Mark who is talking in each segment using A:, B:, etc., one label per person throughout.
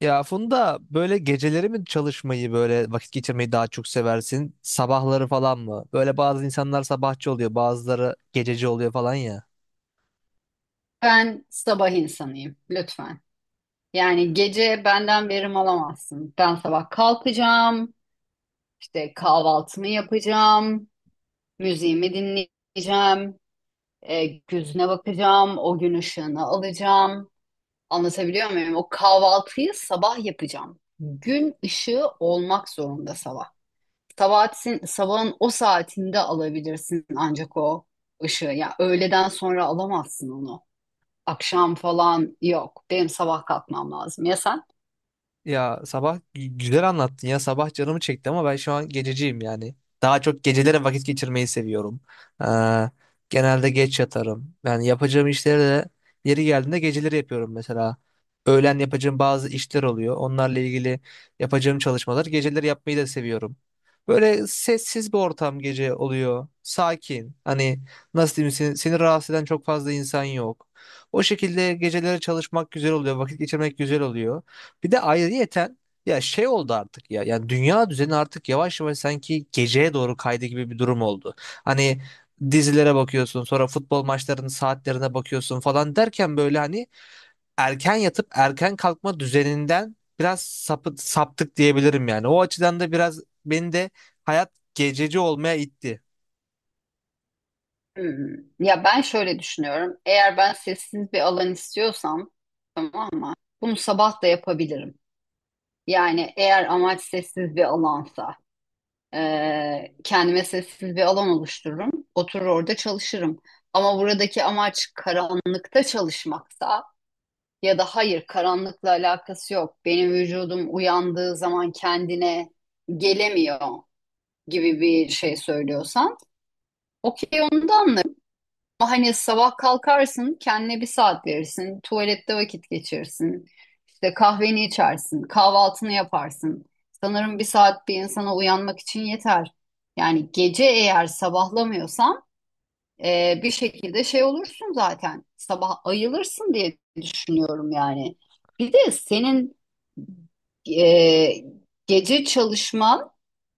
A: Ya Funda böyle geceleri mi çalışmayı böyle vakit geçirmeyi daha çok seversin? Sabahları falan mı? Böyle bazı insanlar sabahçı oluyor, bazıları gececi oluyor falan ya.
B: Ben sabah insanıyım lütfen. Yani gece benden verim alamazsın. Ben sabah kalkacağım, işte kahvaltımı yapacağım, müziğimi dinleyeceğim, gözüne bakacağım, o gün ışığını alacağım. Anlatabiliyor muyum? O kahvaltıyı sabah yapacağım. Gün ışığı olmak zorunda sabah. Sabahatin, sabahın o saatinde alabilirsin ancak o ışığı. Ya öğleden sonra alamazsın onu. Akşam falan yok. Benim sabah kalkmam lazım. Ya sen?
A: Ya sabah güzel anlattın ya, sabah canımı çekti ama ben şu an gececiyim yani. Daha çok gecelere vakit geçirmeyi seviyorum. Ee, Genelde geç yatarım. Yani yapacağım işleri de yeri geldiğinde geceleri yapıyorum mesela. Öğlen yapacağım bazı işler oluyor. Onlarla ilgili yapacağım çalışmalar geceleri yapmayı da seviyorum. Böyle sessiz bir ortam gece oluyor. Sakin. Hani nasıl diyeyim, seni rahatsız eden çok fazla insan yok. O şekilde geceleri çalışmak güzel oluyor. Vakit geçirmek güzel oluyor. Bir de ayrıyeten ya şey oldu artık ya. Yani dünya düzeni artık yavaş yavaş sanki geceye doğru kaydı gibi bir durum oldu. Hani dizilere bakıyorsun, sonra futbol maçlarının saatlerine bakıyorsun falan derken böyle hani erken yatıp erken kalkma düzeninden biraz saptık diyebilirim yani. O açıdan da biraz beni de hayat gececi olmaya itti.
B: Hmm. Ya ben şöyle düşünüyorum. Eğer ben sessiz bir alan istiyorsam tamam mı? Bunu sabah da yapabilirim. Yani eğer amaç sessiz bir alansa kendime sessiz bir alan oluştururum. Oturur orada çalışırım. Ama buradaki amaç karanlıkta çalışmaksa ya da hayır karanlıkla alakası yok. Benim vücudum uyandığı zaman kendine gelemiyor. Gibi bir şey söylüyorsan okey onu da anlarım. Ama hani sabah kalkarsın kendine bir saat verirsin. Tuvalette vakit geçirirsin. İşte kahveni içersin. Kahvaltını yaparsın. Sanırım bir saat bir insana uyanmak için yeter. Yani gece eğer sabahlamıyorsan bir şekilde şey olursun zaten. Sabah ayılırsın diye düşünüyorum yani. Bir de senin e, gece çalışman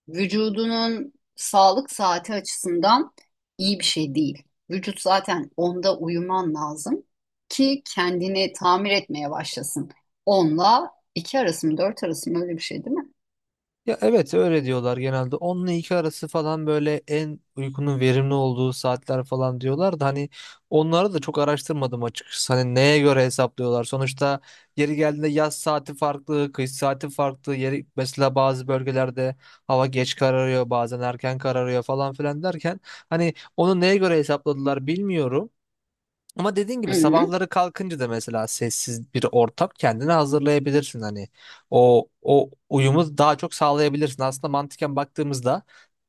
B: vücudunun sağlık saati açısından iyi bir şey değil. Vücut zaten onda uyuman lazım ki kendini tamir etmeye başlasın. Onla 2 arası mı 4 arası mı öyle bir şey değil mi?
A: Ya evet, öyle diyorlar genelde. 10 ile 2 arası falan, böyle en uykunun verimli olduğu saatler falan diyorlar da hani onları da çok araştırmadım açıkçası. Hani neye göre hesaplıyorlar? Sonuçta yeri geldiğinde yaz saati farklı, kış saati farklı. Yeri, mesela bazı bölgelerde hava geç kararıyor, bazen erken kararıyor falan filan derken hani onu neye göre hesapladılar bilmiyorum. Ama dediğin
B: Hı
A: gibi
B: hı.
A: sabahları kalkınca da mesela sessiz bir ortam kendine hazırlayabilirsin, hani o uyumu daha çok sağlayabilirsin. Aslında mantıken baktığımızda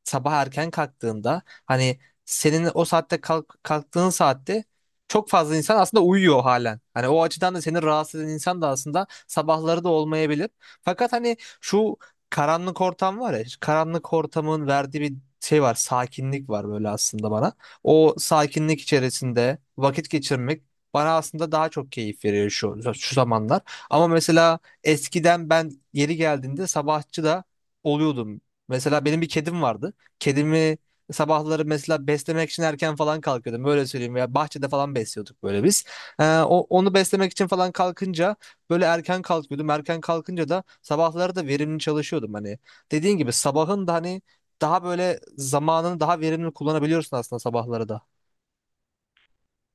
A: sabah erken kalktığında hani senin o saatte kalk, kalktığın saatte çok fazla insan aslında uyuyor halen. Hani o açıdan da seni rahatsız eden insan da aslında sabahları da olmayabilir. Fakat hani şu karanlık ortam var ya, karanlık ortamın verdiği bir şey var, sakinlik var böyle aslında bana. O sakinlik içerisinde vakit geçirmek bana aslında daha çok keyif veriyor şu zamanlar. Ama mesela eskiden ben yeri geldiğinde sabahçı da oluyordum. Mesela benim bir kedim vardı. Kedimi sabahları mesela beslemek için erken falan kalkıyordum. Böyle söyleyeyim, ya bahçede falan besliyorduk böyle biz. Onu beslemek için falan kalkınca böyle erken kalkıyordum. Erken kalkınca da sabahları da verimli çalışıyordum. Hani dediğin gibi sabahın da hani daha böyle zamanını daha verimli kullanabiliyorsun aslında sabahları da.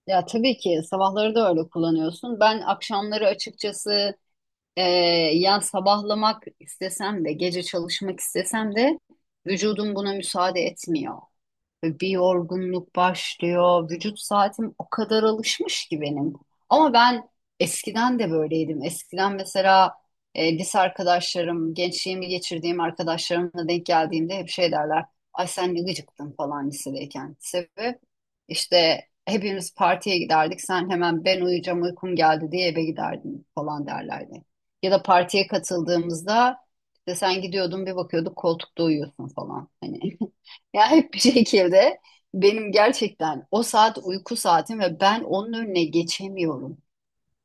B: Ya tabii ki sabahları da öyle kullanıyorsun. Ben akşamları açıkçası e, yani sabahlamak istesem de gece çalışmak istesem de vücudum buna müsaade etmiyor. Ve bir yorgunluk başlıyor. Vücut saatim o kadar alışmış ki benim. Ama ben eskiden de böyleydim. Eskiden mesela lise arkadaşlarım, gençliğimi geçirdiğim arkadaşlarımla denk geldiğimde hep şey derler. Ay sen ne gıcıktın falan lisedeyken. Sebep işte hepimiz partiye giderdik. Sen hemen ben uyuyacağım uykum geldi diye eve giderdin falan derlerdi. Ya da partiye katıldığımızda işte sen gidiyordun bir bakıyorduk koltukta uyuyorsun falan. Hani Ya hep bir şekilde benim gerçekten o saat uyku saatim ve ben onun önüne geçemiyorum.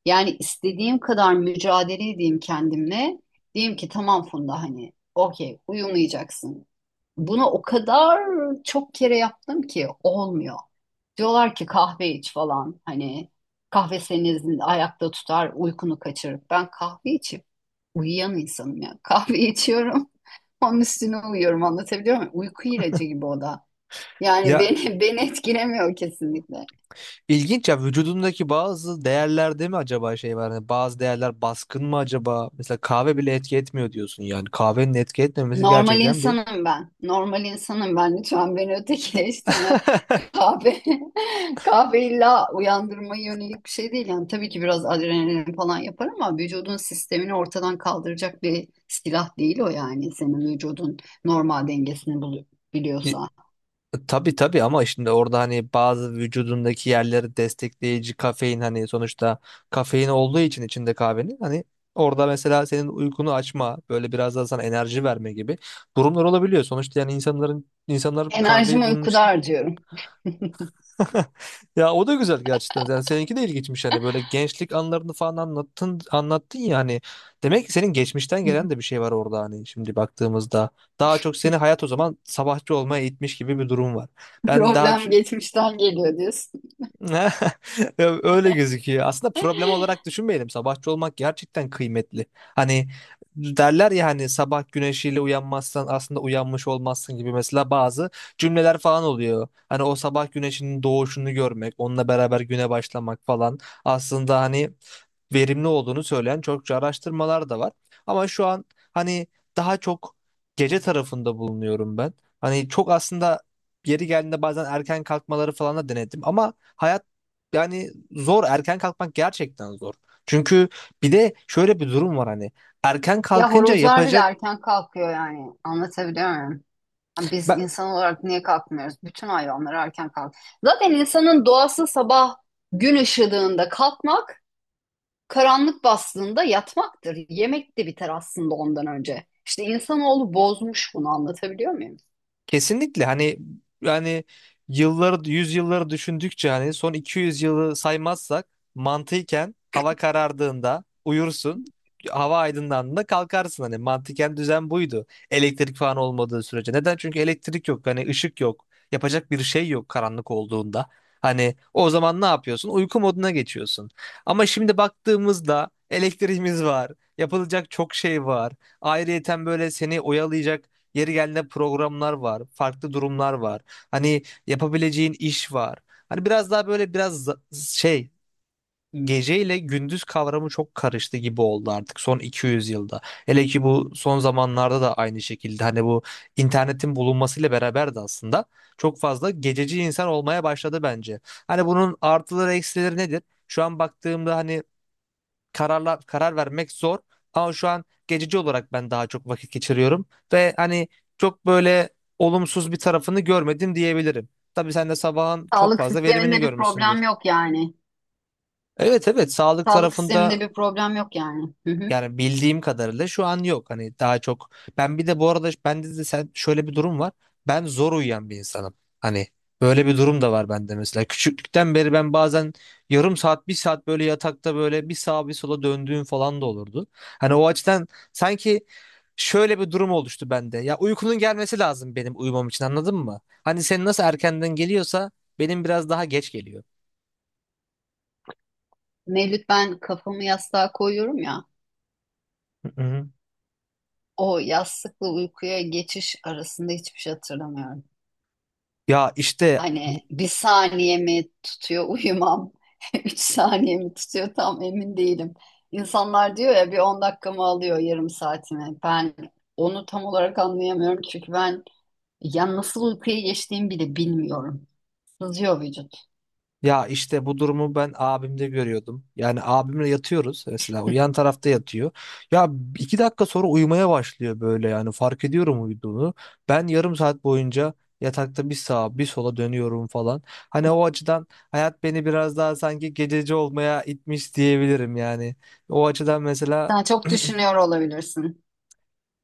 B: Yani istediğim kadar mücadele edeyim kendimle. Diyeyim ki tamam Funda hani okey uyumayacaksın. Bunu o kadar çok kere yaptım ki olmuyor. Diyorlar ki kahve iç falan hani kahve senin ayakta tutar uykunu kaçırır. Ben kahve içip uyuyan insanım ya. Kahve içiyorum onun üstüne uyuyorum, anlatabiliyor muyum? Uyku ilacı gibi o da. Yani
A: Ya
B: beni beni etkilemiyor kesinlikle.
A: ilginç ya, vücudundaki bazı değerler değil mi acaba, şey var? Hani bazı değerler baskın mı acaba? Mesela kahve bile etki etmiyor diyorsun yani. Kahvenin etki etmemesi
B: Normal
A: gerçekten bir
B: insanım ben. Normal insanım ben. Lütfen beni ötekileştirme. Kahve kahve illa uyandırmaya yönelik bir şey değil. Yani tabii ki biraz adrenalin falan yapar ama vücudun sistemini ortadan kaldıracak bir silah değil o yani. Senin vücudun normal dengesini biliyorsa.
A: Tabii tabii, ama şimdi orada hani bazı vücudundaki yerleri destekleyici kafein, hani sonuçta kafein olduğu için içinde kahvenin, hani orada mesela senin uykunu açma, böyle biraz daha sana enerji verme gibi durumlar olabiliyor. Sonuçta yani insanlar kahveyi
B: Enerjimi
A: bunun
B: uykuda
A: için
B: harcıyorum.
A: ya o da güzel gerçekten. Yani seninki de ilginçmiş, hani böyle gençlik anlarını falan anlattın anlattın ya, hani demek ki senin geçmişten gelen de bir şey var orada, hani şimdi baktığımızda daha çok seni hayat o zaman sabahçı olmaya itmiş gibi bir durum var. Ben daha
B: Problem geçmişten geliyor diyorsun.
A: Ya, öyle gözüküyor. Aslında problem olarak düşünmeyelim. Sabahçı olmak gerçekten kıymetli. Hani derler ya, hani sabah güneşiyle uyanmazsan aslında uyanmış olmazsın gibi mesela bazı cümleler falan oluyor. Hani o sabah güneşinin doğuşunu görmek, onunla beraber güne başlamak falan aslında hani verimli olduğunu söyleyen çokça araştırmalar da var. Ama şu an hani daha çok gece tarafında bulunuyorum ben. Hani çok aslında yeri geldiğinde bazen erken kalkmaları falan da denedim ama hayat yani zor. Erken kalkmak gerçekten zor. Çünkü bir de şöyle bir durum var hani. Erken
B: Ya
A: kalkınca
B: horozlar bile
A: yapacak...
B: erken kalkıyor yani. Anlatabiliyor muyum? Yani biz
A: Ben,
B: insan olarak niye kalkmıyoruz? Bütün hayvanlar erken kalk. Zaten insanın doğası sabah gün ışıdığında kalkmak, karanlık bastığında yatmaktır. Yemek de biter aslında ondan önce. İşte insanoğlu bozmuş bunu, anlatabiliyor muyum?
A: kesinlikle hani yani yılları yüzyılları düşündükçe hani son 200 yılı saymazsak mantıken hava karardığında uyursun, hava aydınlandığında kalkarsın, hani mantıken düzen buydu elektrik falan olmadığı sürece, neden, çünkü elektrik yok, hani ışık yok, yapacak bir şey yok karanlık olduğunda, hani o zaman ne yapıyorsun, uyku moduna geçiyorsun. Ama şimdi baktığımızda elektriğimiz var, yapılacak çok şey var, ayrıyeten böyle seni oyalayacak, yeri geldiğinde programlar var, farklı durumlar var. Hani yapabileceğin iş var. Hani biraz daha böyle biraz geceyle gündüz kavramı çok karıştı gibi oldu artık son 200 yılda. Hele ki bu son zamanlarda da aynı şekilde, hani bu internetin bulunmasıyla beraber de aslında çok fazla gececi insan olmaya başladı bence. Hani bunun artıları, eksileri nedir? Şu an baktığımda hani karar vermek zor. Ama şu an geçici olarak ben daha çok vakit geçiriyorum ve hani çok böyle olumsuz bir tarafını görmedim diyebilirim. Tabii sen de sabahın çok
B: Sağlık
A: fazla verimini
B: sisteminde bir problem
A: görmüşsündür.
B: yok yani.
A: Evet, evet, sağlık
B: Sağlık
A: tarafında
B: sisteminde bir problem yok yani. Hı hı.
A: yani bildiğim kadarıyla şu an yok. Hani daha çok ben bir de bu arada bende de sen şöyle bir durum var. Ben zor uyuyan bir insanım. Hani böyle bir durum da var bende mesela. Küçüklükten beri ben bazen yarım saat, bir saat böyle yatakta böyle bir sağa bir sola döndüğüm falan da olurdu. Hani o açıdan sanki şöyle bir durum oluştu bende. Ya uykunun gelmesi lazım benim uyumam için, anladın mı? Hani senin nasıl erkenden geliyorsa benim biraz daha geç geliyor.
B: Mevlüt, ben kafamı yastığa koyuyorum ya.
A: Hı hı.
B: O yastıkla uykuya geçiş arasında hiçbir şey hatırlamıyorum.
A: Ya işte
B: Hani bir saniye mi tutuyor uyumam? 3 saniye mi tutuyor? Tam emin değilim. İnsanlar diyor ya bir 10 dakikamı alıyor, yarım saatimi. Ben onu tam olarak anlayamıyorum çünkü ben ya nasıl uykuya geçtiğimi bile bilmiyorum. Sızıyor vücut.
A: Ya işte bu durumu ben abimde görüyordum. Yani abimle yatıyoruz mesela. O yan tarafta yatıyor. Ya, 2 dakika sonra uyumaya başlıyor böyle yani, fark ediyorum uyuduğunu. Ben yarım saat boyunca yatakta bir sağa bir sola dönüyorum falan. Hani o açıdan hayat beni biraz daha sanki gececi olmaya itmiş diyebilirim yani. O açıdan mesela
B: Sen çok düşünüyor olabilirsin.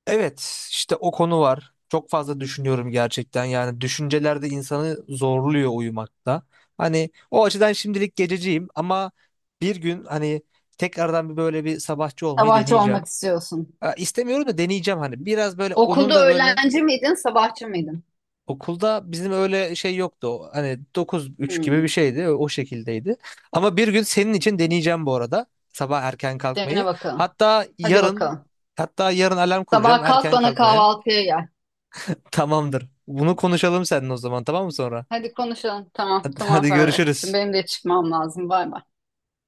A: evet, işte o konu var. Çok fazla düşünüyorum gerçekten. Yani düşünceler de insanı zorluyor uyumakta. Hani o açıdan şimdilik gececiyim ama bir gün hani tekrardan bir böyle bir sabahçı olmayı
B: Sabahçı olmak
A: deneyeceğim.
B: istiyorsun.
A: Ha, İstemiyorum da deneyeceğim hani. Biraz böyle onun
B: Okulda
A: da böyle
B: öğlenci miydin, sabahçı mıydın?
A: okulda bizim öyle şey yoktu. O hani 9-3 gibi bir
B: Hmm.
A: şeydi. O şekildeydi. Ama bir gün senin için deneyeceğim bu arada. Sabah erken
B: Dene
A: kalkmayı.
B: bakalım.
A: Hatta
B: Hadi
A: yarın
B: bakalım.
A: hatta yarın alarm kuracağım
B: Sabah kalk
A: erken
B: bana
A: kalkmaya.
B: kahvaltıya gel.
A: Tamamdır. Bunu konuşalım seninle o zaman, tamam mı, sonra?
B: Hadi konuşalım. Tamam, tamam
A: Hadi
B: Ferhat'cığım.
A: görüşürüz.
B: Benim de çıkmam lazım. Bay bay.